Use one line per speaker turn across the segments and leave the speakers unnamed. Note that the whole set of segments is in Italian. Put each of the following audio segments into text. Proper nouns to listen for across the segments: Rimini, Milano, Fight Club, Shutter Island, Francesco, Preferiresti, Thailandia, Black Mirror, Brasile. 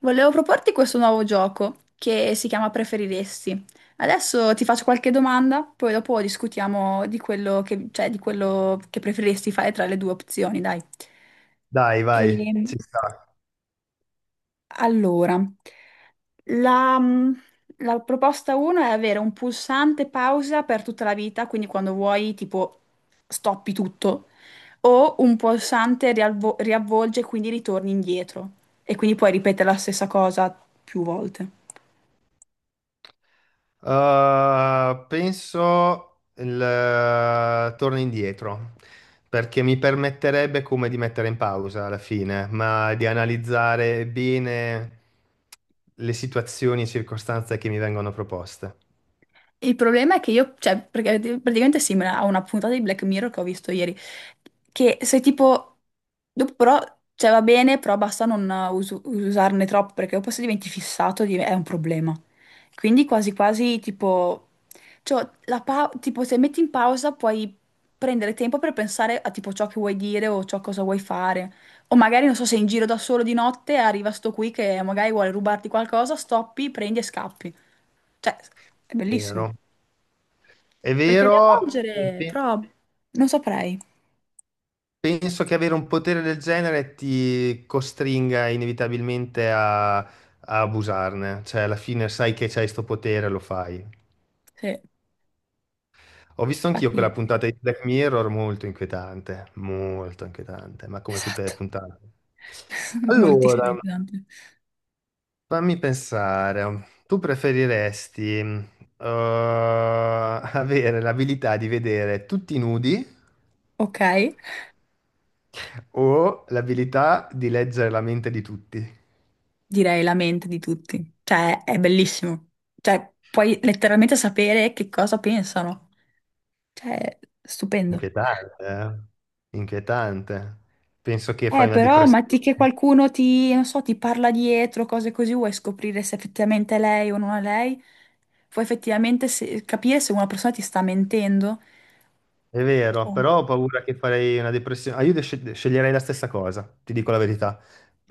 Volevo proporti questo nuovo gioco che si chiama Preferiresti. Adesso ti faccio qualche domanda, poi dopo discutiamo di quello che, cioè, di quello che preferiresti fare tra le due opzioni, dai.
Dai,
E,
vai, ci sta.
allora, la, mm, la proposta 1 è avere un pulsante pausa per tutta la vita, quindi quando vuoi, tipo, stoppi tutto, o un pulsante riavvolge e quindi ritorni indietro. E quindi puoi ripetere la stessa cosa più volte.
Penso il torno indietro, perché mi permetterebbe come di mettere in pausa alla fine, ma di analizzare bene le situazioni e circostanze che mi vengono proposte.
Il problema è che io, cioè, perché praticamente è simile a una puntata di Black Mirror che ho visto ieri, che sei tipo, dopo però, cioè va bene, però basta non usarne troppo, perché dopo se diventi fissato è un problema. Quindi quasi quasi tipo, cioè, tipo se metti in pausa puoi prendere tempo per pensare a tipo ciò che vuoi dire o ciò cosa vuoi fare. O magari, non so, sei in giro da solo di notte, e arriva sto qui che magari vuole rubarti qualcosa, stoppi, prendi e scappi. Cioè, è bellissimo.
Vero. È
Perché
vero,
riavvolgere, però non saprei.
penso che avere un potere del genere ti costringa inevitabilmente a abusarne, cioè alla fine sai che c'hai sto potere, lo fai.
Sì,
Ho visto anch'io quella
Infatti,
puntata di Black Mirror molto inquietante, ma come tutte
esatto,
le puntate.
moltissimo
Allora,
inquietante.
fammi pensare, tu preferiresti avere l'abilità di vedere tutti nudi
Ok,
o l'abilità di leggere la mente di tutti?
direi la mente di tutti. Cioè, è bellissimo. Cioè, puoi letteralmente sapere che cosa pensano. Cioè, stupendo.
Inquietante, eh? Inquietante. Penso che fai una
Però,
depressione.
che qualcuno ti, non so, ti parla dietro, cose così, vuoi scoprire se effettivamente è lei o non è lei? Vuoi effettivamente capire se una persona ti sta mentendo?
È vero,
Oh,
però ho paura che farei una depressione. Ah, io sceglierei la stessa cosa, ti dico la verità.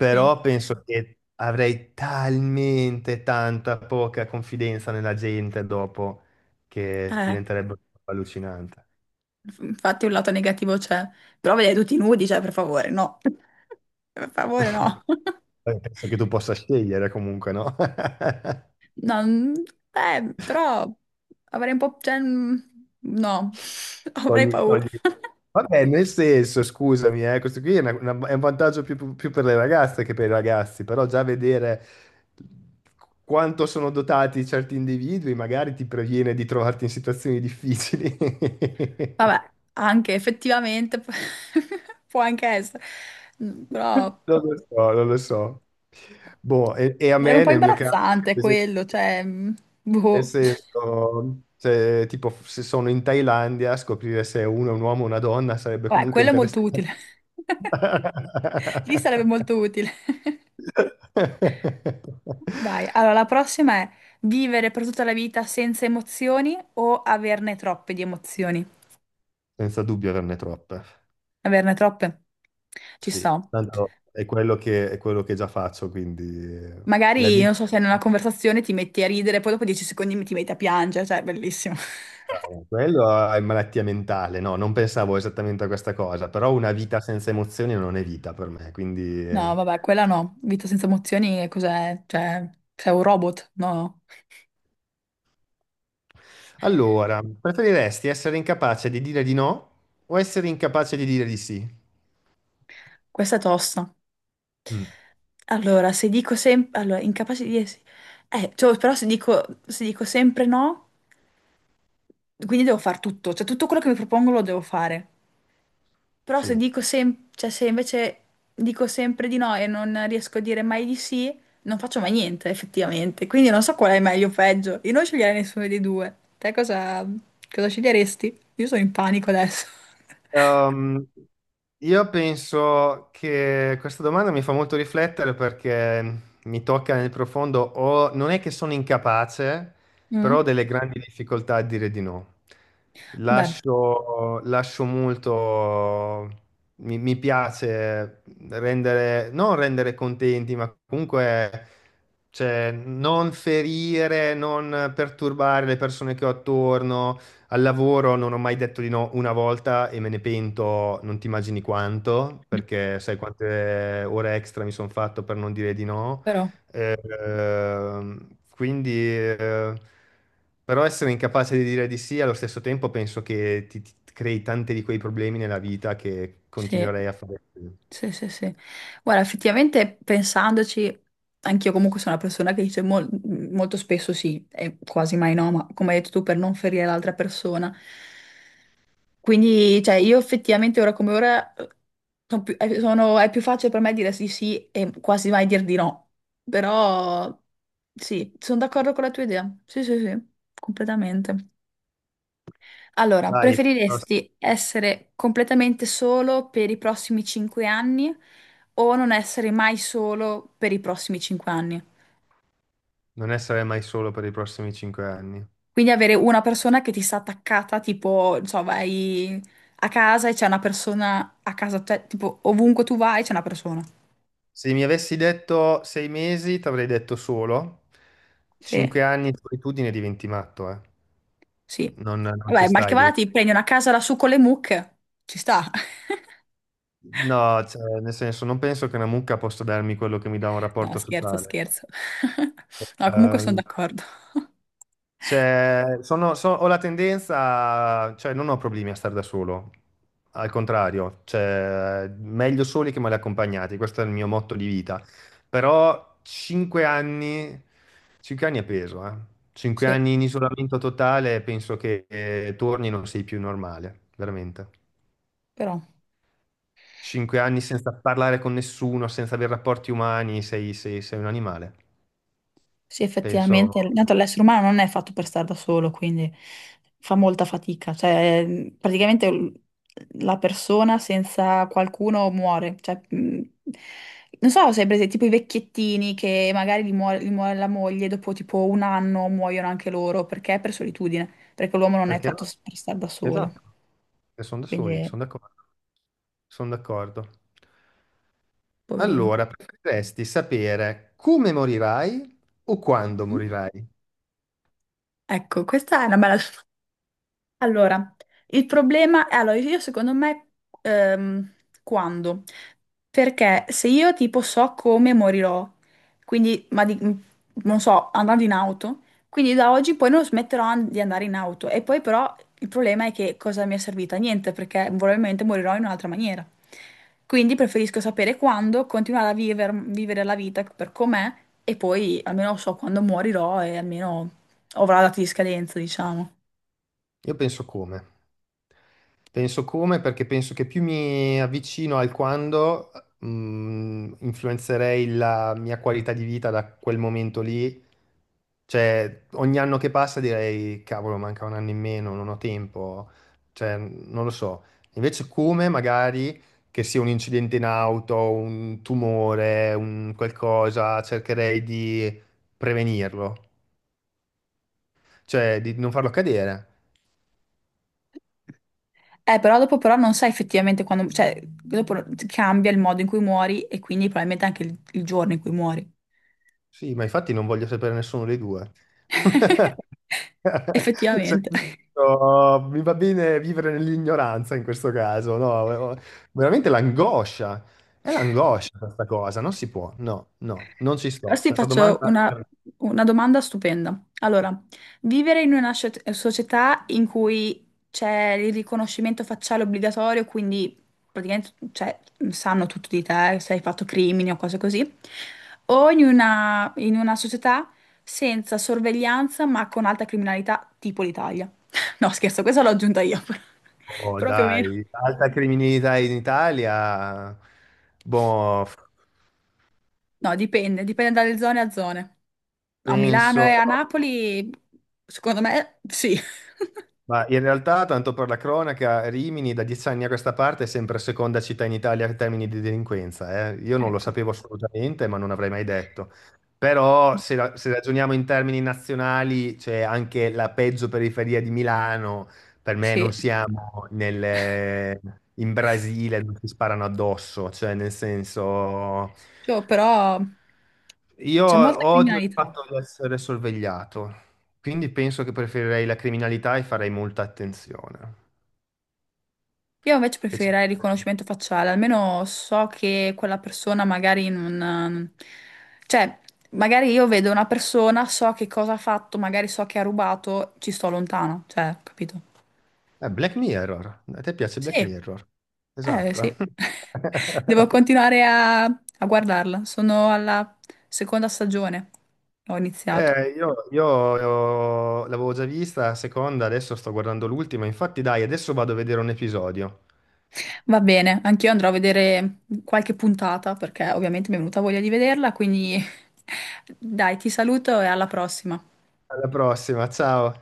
sì.
penso che avrei talmente tanta poca confidenza nella gente dopo che
Eh,
diventerebbe allucinante.
Infatti un lato negativo c'è, però vedere tutti nudi, cioè per favore, no. Per favore, no.
Poi penso che tu possa scegliere comunque, no?
No, però avrei un po', cioè, no, avrei
Togli,
paura.
togli. Vabbè, nel senso, scusami, questo qui è, è un vantaggio più per le ragazze che per i ragazzi, però già vedere quanto sono dotati certi individui magari ti previene di trovarti in situazioni difficili.
Vabbè, anche effettivamente può anche essere. Però
Non lo so, non lo so. Boh, e a
sarebbe un
me
po'
nel mio caso,
imbarazzante
per esempio,
quello, cioè.
nel
Boh.
senso, se, tipo, se sono in Thailandia, scoprire se uno è un uomo o una donna sarebbe
Vabbè,
comunque
quello è molto
interessante.
utile. Lì sarebbe molto utile. Vai. Allora, la prossima è vivere per tutta la vita senza emozioni o averne troppe di emozioni?
Senza dubbio averne troppe.
Averne troppe? Ci
Sì,
sto.
tanto è quello che già faccio, quindi eh, la
Magari,
vita.
non so, se in una conversazione ti metti a ridere, poi dopo 10 secondi ti metti a piangere, cioè, bellissimo.
Quello è malattia mentale, no, non pensavo esattamente a questa cosa, però una vita senza emozioni non è vita per me, quindi...
No,
eh.
vabbè, quella no. Vita senza emozioni è cos'è? Cioè, sei un robot? No.
Allora, preferiresti essere incapace di dire di no o essere incapace di dire di sì?
Questa è tosta.
Mm,
Allora, se dico sempre. Allora, incapace di. Cioè, però se dico sempre no, quindi devo fare tutto. Cioè, tutto quello che mi propongo lo devo fare. Però se
sì.
dico cioè, se invece dico sempre di no e non riesco a dire mai di sì, non faccio mai niente, effettivamente. Quindi non so qual è meglio o peggio. Io non sceglierei nessuno dei due. Te cosa sceglieresti? Io sono in panico adesso.
Ehm, io penso che questa domanda mi fa molto riflettere perché mi tocca nel profondo, o non è che sono incapace, però ho
Mm?
delle grandi difficoltà a dire di no.
Beh,
Lascio molto, mi piace rendere, non rendere contenti, ma comunque cioè, non ferire, non perturbare le persone che ho attorno. Al lavoro non ho mai detto di no una volta e me ne pento, non ti immagini quanto, perché sai quante ore extra mi sono fatto per non dire di no.
però
Eh, quindi, però essere incapace di dire di sì allo stesso tempo penso che ti crei tanti di quei problemi nella vita che
sì.
continuerei a fare.
Sì, sì, sì. Guarda, effettivamente pensandoci, anch'io comunque sono una persona che dice molto spesso sì e quasi mai no, ma come hai detto tu, per non ferire l'altra persona. Quindi, cioè, io effettivamente ora come ora è più facile per me dire sì sì e quasi mai dir di no. Però sì, sono d'accordo con la tua idea. Sì, sì, sì, completamente. Allora,
Dai,
preferiresti essere completamente solo per i prossimi 5 anni o non essere mai solo per i prossimi 5 anni?
non essere mai solo per i prossimi cinque anni.
Quindi avere una persona che ti sta attaccata, tipo, non so, vai a casa e c'è una persona a casa, tipo ovunque tu vai c'è una persona.
Se mi avessi detto sei mesi, ti avrei detto solo.
Sì,
Cinque anni di solitudine diventi matto, eh.
sì.
Non ci
Vabbè, mal che
stai.
vada ti prendi una casa lassù con le mucche. Ci sta.
No, cioè, nel senso, non penso che una mucca possa darmi quello che mi dà un
No,
rapporto
scherzo,
sociale.
scherzo. No, comunque sono
Ehm,
d'accordo.
Cioè, ho la tendenza, cioè non ho problemi a stare da solo, al contrario, cioè, meglio soli che male accompagnati, questo è il mio motto di vita. Però 5 anni, 5 anni è peso, eh. 5
Sì,
anni in isolamento totale, penso che torni e non sei più normale, veramente.
però.
5 anni senza parlare con nessuno, senza avere rapporti umani, sei un animale,
Sì,
penso.
effettivamente, intanto l'essere umano non è fatto per stare da solo, quindi fa molta fatica, cioè praticamente la persona senza qualcuno muore, cioè, non so se hai presente tipo i vecchiettini che magari gli muore la moglie, dopo tipo un anno muoiono anche loro, perché? Per solitudine, perché l'uomo non è
Perché no?
fatto per stare da solo,
Esatto. Sono da soli,
quindi
sono d'accordo. Sono d'accordo.
poverini.
Allora, preferiresti sapere come morirai o quando
Mhm.
morirai?
Ecco, questa è una bella. Allora, il problema è, allora, io secondo me, ehm, quando? Perché se io tipo so come morirò, quindi, non so, andando in auto, quindi da oggi poi non smetterò di andare in auto. E poi però il problema è che cosa mi è servita? Niente, perché probabilmente morirò in un'altra maniera. Quindi preferisco sapere quando, continuare a vivere la vita per com'è e poi almeno so quando morirò e almeno avrò la data di scadenza, diciamo.
Io penso come. Penso come, perché penso che più mi avvicino al quando, influenzerei la mia qualità di vita da quel momento lì. Cioè, ogni anno che passa direi, cavolo, manca un anno in meno, non ho tempo. Cioè, non lo so. Invece come, magari, che sia un incidente in auto, un tumore, un qualcosa, cercherei di prevenirlo. Cioè, di non farlo accadere.
Però dopo però non sai effettivamente quando, cioè, dopo cambia il modo in cui muori e quindi probabilmente anche il giorno in cui muori.
Sì, ma infatti non voglio sapere nessuno dei due. Cioè,
Effettivamente.
no, mi va bene vivere nell'ignoranza in questo caso, no? Oh, veramente l'angoscia, è l'angoscia questa cosa, non si può, no, no, non ci sto.
Adesso ti
Questa
faccio
domanda,
una domanda stupenda. Allora, vivere in una società in cui c'è il riconoscimento facciale obbligatorio, quindi praticamente cioè, sanno tutto di te, se hai fatto crimini o cose così, o in una società senza sorveglianza ma con alta criminalità, tipo l'Italia. No, scherzo, questa l'ho aggiunta io.
oh,
Proprio meno.
dai, alta criminalità in Italia, boh,
No, dipende dalle zone a zone. A Milano e
penso.
a Napoli, secondo me, sì.
Ma in realtà, tanto per la cronaca, Rimini da 10 anni a questa parte è sempre seconda città in Italia in termini di delinquenza, eh. Io non lo
Ecco,
sapevo assolutamente, ma non avrei mai detto. Però se, se ragioniamo in termini nazionali, c'è anche la peggio periferia di Milano. Per me
sì,
non siamo in Brasile dove si sparano addosso, cioè nel senso.
Cioè, però
Io
c'è molta
odio il
criminalità.
fatto di essere sorvegliato, quindi penso che preferirei la criminalità e farei molta attenzione.
Io invece
Che c'è-
preferirei il riconoscimento facciale, almeno so che quella persona magari non. Cioè, magari io vedo una persona, so che cosa ha fatto, magari so che ha rubato, ci sto lontano, cioè, capito?
Black Mirror, a te piace
Sì,
Black Mirror?
eh
Esatto.
sì. Devo continuare a guardarla, sono alla seconda stagione, ho iniziato.
Io l'avevo già vista la seconda, adesso sto guardando l'ultima, infatti dai, adesso vado a vedere un episodio.
Va bene, anch'io andrò a vedere qualche puntata perché ovviamente mi è venuta voglia di vederla, quindi dai, ti saluto e alla prossima.
Alla prossima, ciao.